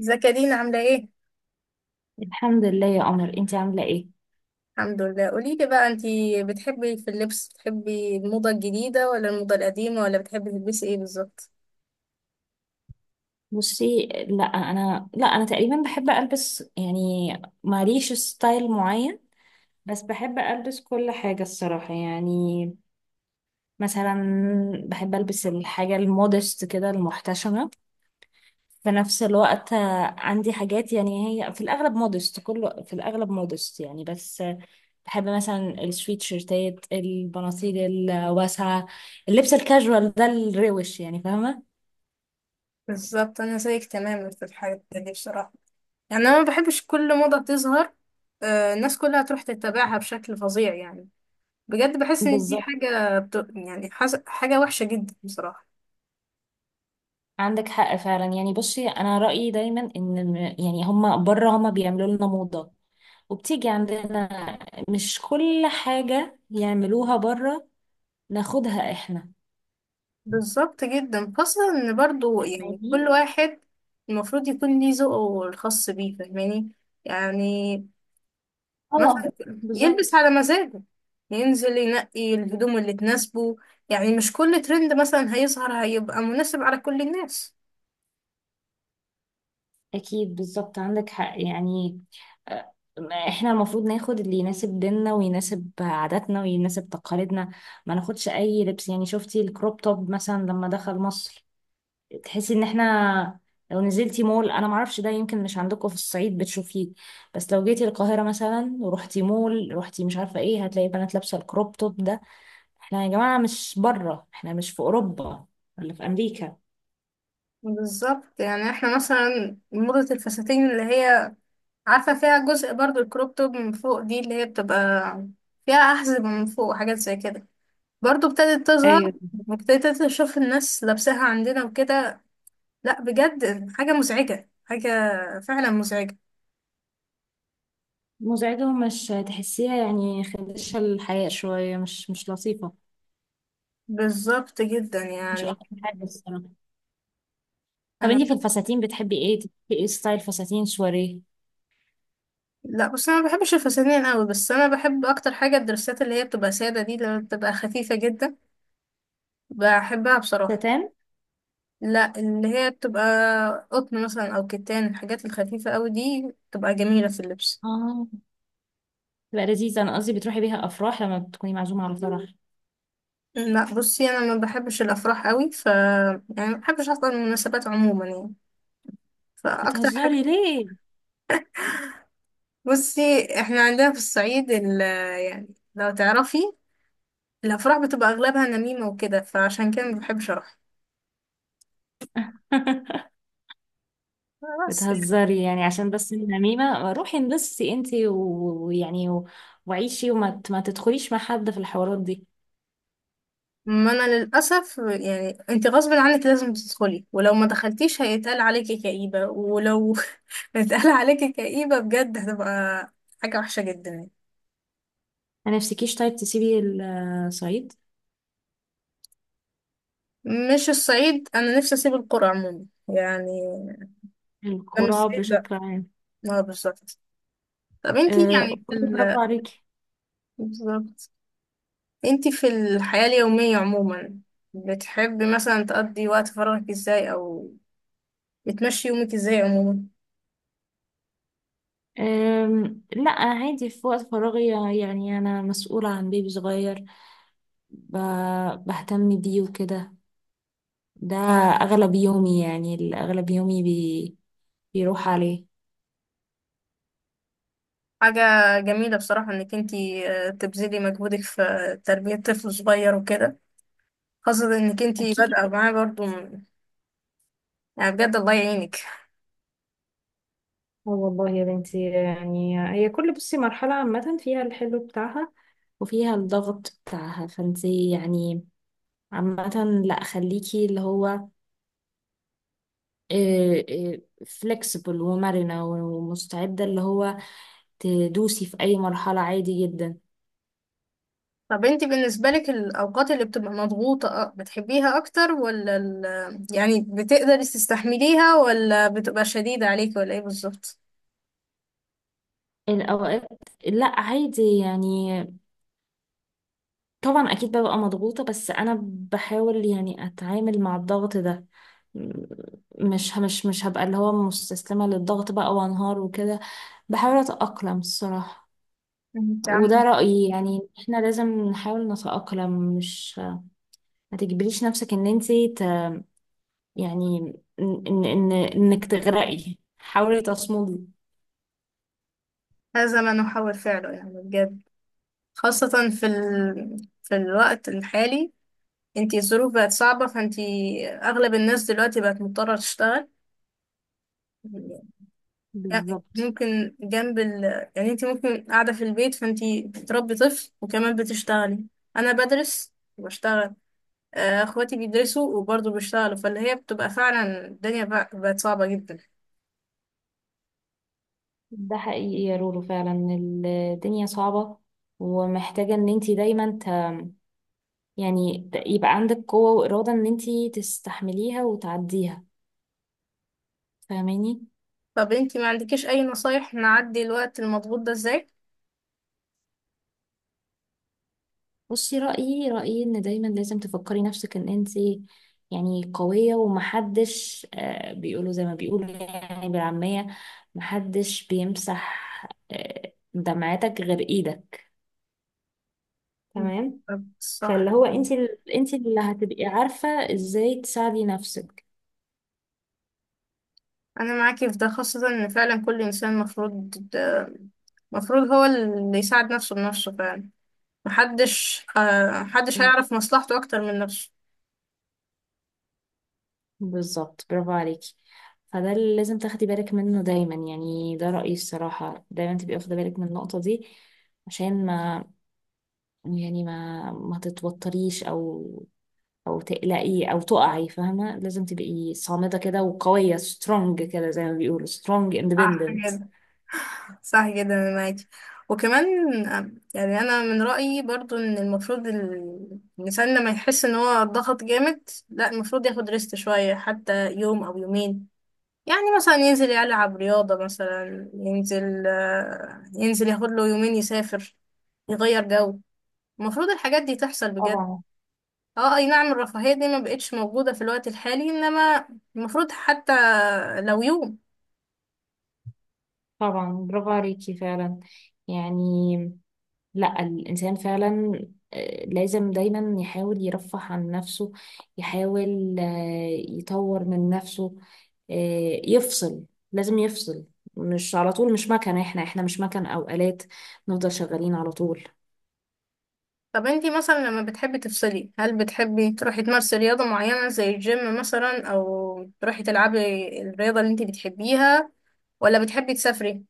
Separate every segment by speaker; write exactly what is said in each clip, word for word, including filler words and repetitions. Speaker 1: ازيك يا دينا، عاملة ايه؟
Speaker 2: الحمد لله يا قمر، انتي عامله ايه؟
Speaker 1: الحمد لله، قولي لي بقى، انتي بتحبي في اللبس بتحبي الموضة الجديدة، ولا الموضة القديمة، ولا بتحبي تلبسي ايه بالظبط؟
Speaker 2: بصي، لا انا لا انا تقريبا بحب البس يعني. ماليش ستايل معين، بس بحب البس كل حاجه الصراحه يعني. مثلا بحب البس الحاجه المودست كده المحتشمه. في نفس الوقت آه، عندي حاجات يعني هي في الاغلب مودست، كله في الاغلب مودست يعني، بس آه، بحب مثلا السويت شيرتات، البناطيل الواسعه، اللبس الكاجوال ده الروش يعني، فاهمه؟
Speaker 1: بالظبط، انا زيك تماما في الحاجات دي بصراحه. يعني انا ما بحبش كل موضه بتظهر آه، الناس كلها تروح تتبعها بشكل فظيع يعني. بجد بحس ان دي
Speaker 2: بالظبط،
Speaker 1: حاجه بت... يعني حس... حاجه وحشه جدا بصراحه.
Speaker 2: عندك حق فعلا يعني. بصي، انا رأيي دايما ان الم- يعني هما بره هما بيعملوا لنا موضة وبتيجي عندنا. مش كل حاجة يعملوها بره ناخدها احنا.
Speaker 1: بالظبط جدا، خاصة ان برضو يعني كل
Speaker 2: فاهمين.
Speaker 1: واحد المفروض يكون ليه ذوقه الخاص بيه، فاهماني؟ يعني
Speaker 2: اه،
Speaker 1: مثلا يلبس
Speaker 2: بالظبط.
Speaker 1: على مزاجه، ينزل ينقي الهدوم اللي تناسبه. يعني مش كل ترند مثلا هيظهر هيبقى مناسب على كل الناس.
Speaker 2: اكيد، بالظبط عندك حق يعني. آه، احنا المفروض ناخد اللي يناسب ديننا ويناسب عاداتنا ويناسب تقاليدنا، ما ناخدش اي لبس. يعني شفتي الكروب توب مثلا لما دخل مصر؟ تحسي ان احنا، لو نزلتي مول، انا معرفش ده يمكن مش عندكم في الصعيد بتشوفيه، بس لو جيتي القاهرة مثلا ورحتي مول، رحتي مش عارفة ايه، هتلاقي بنات لابسة الكروب توب ده. احنا يا جماعة مش بره، احنا مش في اوروبا ولا في امريكا.
Speaker 1: بالظبط، يعني احنا مثلا موضة الفساتين اللي هي، عارفة، فيها جزء برضو الكروب توب من فوق دي، اللي هي بتبقى فيها أحزمة من فوق وحاجات زي كده، برضو ابتدت تظهر.
Speaker 2: ايوه،
Speaker 1: وابتديت أشوف الناس لابساها عندنا وكده. لأ، بجد حاجة مزعجة، حاجة فعلا مزعجة.
Speaker 2: مزعجة، ومش تحسيها يعني خدشة الحياة شوية، مش مش لطيفة.
Speaker 1: بالظبط جدا
Speaker 2: مش
Speaker 1: يعني.
Speaker 2: أكتر حاجة الصراحة. طب انتي في الفساتين بتحبي ايه؟ تحبي ايه، ستايل فساتين سواريه؟
Speaker 1: لا، بس انا ما بحبش الفساتين قوي، بس انا بحب اكتر حاجه الدرسات، اللي هي بتبقى ساده دي، اللي بتبقى خفيفه جدا. بحبها بصراحه.
Speaker 2: ستان؟
Speaker 1: لا، اللي هي بتبقى قطن مثلا او كتان، الحاجات الخفيفه قوي دي بتبقى جميله في اللبس.
Speaker 2: اه، تبقى لذيذة. انا قصدي بتروحي بيها افراح لما بتكوني معزومة على فرح.
Speaker 1: لا بصي، انا ما بحبش الافراح قوي، ف يعني ما بحبش اصلا المناسبات عموما يعني. فاكتر حاجه،
Speaker 2: بتهزري ليه؟
Speaker 1: بصي احنا عندنا في الصعيد ال... يعني لو تعرفي، الافراح بتبقى اغلبها نميمه وكده، فعشان كده ما بحبش اروح. بس
Speaker 2: بتهزري يعني عشان بس النميمة؟ روحي انبسطي انتي و- ويعني و- وعيشي وما ت- ما تدخليش مع حد في الحوارات دي.
Speaker 1: ما انا للاسف يعني، انت غصب عنك لازم تدخلي، ولو ما دخلتيش هيتقال عليكي كئيبه، ولو اتقال عليكي كئيبه بجد هتبقى حاجه وحشه جدا يعني.
Speaker 2: ما نفسكيش طيب تسيبي الصعيد؟
Speaker 1: مش الصعيد، انا نفسي اسيب القرى عموما يعني. انا مش
Speaker 2: الكرة
Speaker 1: الصعيد، لا.
Speaker 2: بشكل عام؟
Speaker 1: اه، بالظبط. طب انت
Speaker 2: أه
Speaker 1: يعني في
Speaker 2: والله، برافو
Speaker 1: ال...
Speaker 2: عليكي.
Speaker 1: بالظبط، انت في الحياه اليوميه عموما بتحبي مثلا تقضي وقت فراغك ازاي، او بتمشي يومك ازاي عموما؟
Speaker 2: أم، لا عادي. في وقت فراغي يعني أنا مسؤولة عن بيبي صغير، ب- بهتم بيه وكده. ده أغلب يومي، يعني أغلب يومي بي، بيروح عليه.
Speaker 1: حاجة جميلة بصراحة انك انتي آه، تبذلي مجهودك في تربية طفل صغير وكده، خاصة انك انتي
Speaker 2: أكيد.
Speaker 1: بادئة معاه برضو من- يعني بجد الله يعينك.
Speaker 2: اه والله يا بنتي، يعني هي كل، بصي، مرحلة عامة فيها الحلو بتاعها وفيها الضغط بتاعها، فانتي يعني عامة لا خليكي اللي هو فلكسبل ومرنة ومستعدة، اللي هو تدوسي في أي مرحلة عادي جدا.
Speaker 1: طب انتي بالنسبة لك الأوقات اللي بتبقى مضغوطة آه، بتحبيها أكتر، ولا ال... يعني بتقدري تستحمليها، ولا بتبقى شديدة عليك، ولا ايه بالظبط؟
Speaker 2: الأوقات، لا عادي يعني. طبعا أكيد ببقى مضغوطة، بس أنا بحاول يعني أتعامل مع الضغط ده. مش مش مش هبقى اللي هو مستسلمة للضغط بقى وانهار وكده، بحاول اتأقلم الصراحة.
Speaker 1: انت
Speaker 2: وده
Speaker 1: عاملة
Speaker 2: رأيي، يعني احنا لازم نحاول نتأقلم، مش ما تجبريش نفسك ان انتي ت... يعني ان ان إن- انك تغرقي، حاولي تصمدي.
Speaker 1: هذا ما نحاول فعله يعني بجد، خاصة في ال... في الوقت الحالي، انتي الظروف بقت صعبة، فانتي أغلب الناس دلوقتي بقت مضطرة تشتغل. لا،
Speaker 2: بالظبط،
Speaker 1: ممكن جنب ال، يعني انت ممكن قاعدة في البيت فانت بتربي طفل وكمان بتشتغلي. انا بدرس وبشتغل، آه، اخواتي بيدرسوا وبرضه بيشتغلوا، فاللي هي بتبقى فعلا الدنيا بق- بقت صعبة جدا.
Speaker 2: ده حقيقي يا رورو فعلا. الدنيا صعبة ومحتاجة ان انتي دايما ت... يعني ت- يبقى عندك قوة وإرادة ان انتي تستحمليها وتعديها، فاهماني؟
Speaker 1: طب انت ما عندكيش اي نصايح نعدي الوقت المضغوط ده ازاي؟
Speaker 2: بصي، رأيي رأيي إن دايما لازم تفكري نفسك إن أنت يعني قوية ومحدش، آه، بيقولوا زي ما بيقولوا يعني بالعامية، محدش بيمسح آه، دمعتك غير إيدك، تمام؟
Speaker 1: طب
Speaker 2: فاللي
Speaker 1: صح،
Speaker 2: هو أنت ال- أنت اللي هتبقي عارفة إزاي تساعدي نفسك.
Speaker 1: انا معاكي في ده، خاصة ان فعلا كل انسان مفروض مفروض هو اللي يساعد نفسه بنفسه فعلا. محدش، آه، محدش هيعرف مصلحته اكتر من نفسه.
Speaker 2: بالظبط، برافو عليكي. فده اللي لازم تاخدي بالك منه دايما، يعني ده رأيي الصراحة، دايما تبقي واخدة بالك من النقطة دي، عشان ما يعني ما ما تتوتريش او او تقلقي او تقعي، فاهمه؟ لازم تبقي صامده كده وقويه، سترونج كده زي ما بيقولوا، سترونج
Speaker 1: صح،
Speaker 2: اندبندنت.
Speaker 1: صح جدا انا معاكي. وكمان، يعني انا من رأيي برضو ان المفروض ال- الانسان لما يحس ان هو ضغط جامد، لا المفروض ياخد ريست شوية، حتى يوم او يومين. يعني مثلا ينزل يلعب رياضة مثلا، ينزل آه، ينزل ياخد له يومين يسافر، يغير جو. المفروض الحاجات دي تحصل بجد.
Speaker 2: طبعا.
Speaker 1: اه اي نعم، الرفاهية دي ما بقتش موجودة في الوقت الحالي، انما المفروض حتى لو يوم.
Speaker 2: طبعا، برافو عليكي فعلا يعني. لا الانسان فعلا آه، لازم دايما يحاول يرفه عن نفسه، يحاول آه، يطور من نفسه، آه، يفصل، لازم يفصل. مش على طول، مش مكنه، احنا احنا مش مكن او آلات نفضل شغالين على طول.
Speaker 1: طب انتي مثلا لما بتحبي تفصلي، هل بتحبي تروحي تمارسي رياضة معينة زي الجيم مثلا، او تروحي تلعبي الرياضة اللي انتي بتحبيها، ولا بتحبي تسافري؟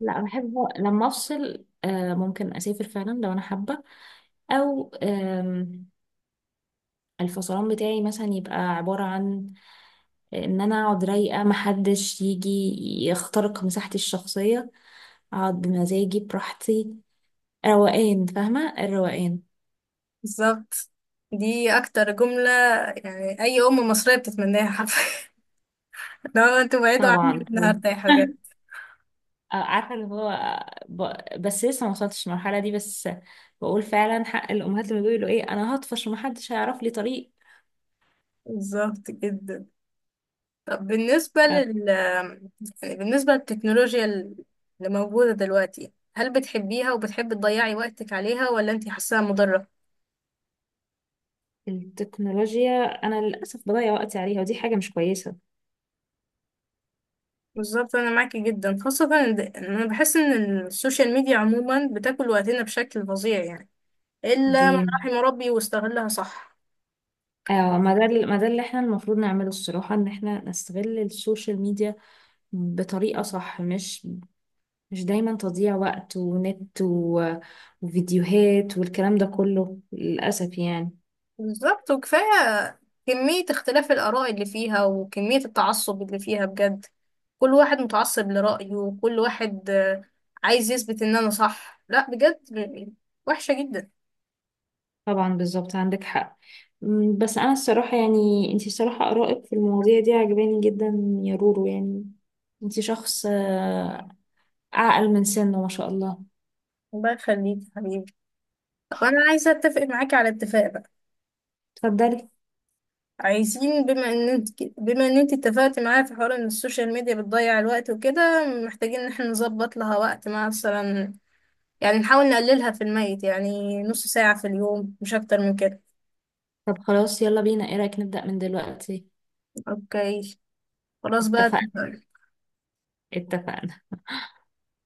Speaker 2: لا، بحب لما افصل آه، ممكن اسافر فعلا لو انا حابه، او آم، الفصلان بتاعي مثلا يبقى عباره عن ان انا اقعد رايقه، محدش يجي يخترق مساحتي الشخصيه، اقعد بمزاجي براحتي، روقان، فاهمه الروقان؟
Speaker 1: بالظبط، دي اكتر جملة يعني اي ام مصرية بتتمناها حرفيا. لو انتوا بعيدوا
Speaker 2: طبعا.
Speaker 1: عني انا هرتاح بجد.
Speaker 2: آه، عارفه اللي هو، آه، ب- بس لسه ما وصلتش المرحله دي، بس بقول فعلا حق الامهات لما بيقولوا ايه انا هطفش ومحدش هيعرف لي طريق.
Speaker 1: بالظبط جدا. طب بالنسبة لل يعني بالنسبة للتكنولوجيا اللي موجودة دلوقتي، هل بتحبيها وبتحبي تضيعي وقتك عليها، ولا انتي حاساها مضرة؟
Speaker 2: التكنولوجيا انا للاسف بضيع وقتي عليها، ودي حاجه مش كويسه.
Speaker 1: بالظبط، انا معاكي جدا، خاصة ان ده- إن انا بحس ان السوشيال ميديا عموما بتاكل وقتنا بشكل فظيع يعني،
Speaker 2: دي
Speaker 1: الا من رحم ربي واستغلها صح.
Speaker 2: آه، ما ده ما ده اللي احنا المفروض نعمله الصراحه، ان احنا نستغل السوشيال ميديا بطريقه صح، مش مش دايما تضييع وقت ونت و- وفيديوهات والكلام ده كله للاسف يعني.
Speaker 1: بالظبط، وكفاية كمية اختلاف الآراء اللي فيها وكمية التعصب اللي فيها بجد. كل واحد متعصب لرأيه، وكل واحد آه، عايز يثبت ان انا صح، لا بجد، وحشة جدا.
Speaker 2: طبعا، بالظبط عندك حق. م، بس انا الصراحه يعني، انتي الصراحه ارائك في المواضيع دي عجباني جدا يا رورو، يعني انتي شخص آه، اعقل من سنه ما شاء الله.
Speaker 1: الله يخليك يا حبيبي. طب انا عايزة اتفق معاكي على اتفاق بقى.
Speaker 2: اتفضلي.
Speaker 1: عايزين، بما ان انت بما ان انت اتفقت معايا في حوار ان السوشيال ميديا بتضيع الوقت وكده، محتاجين ان احنا نظبط لها وقت، مع مثلا يعني نحاول نقللها في الميت، يعني نص ساعة في اليوم مش اكتر من كده.
Speaker 2: طب خلاص يلا بينا، ايه رأيك نبدأ من دلوقتي؟
Speaker 1: اوكي، خلاص بقى.
Speaker 2: اتفقنا. اتفقنا.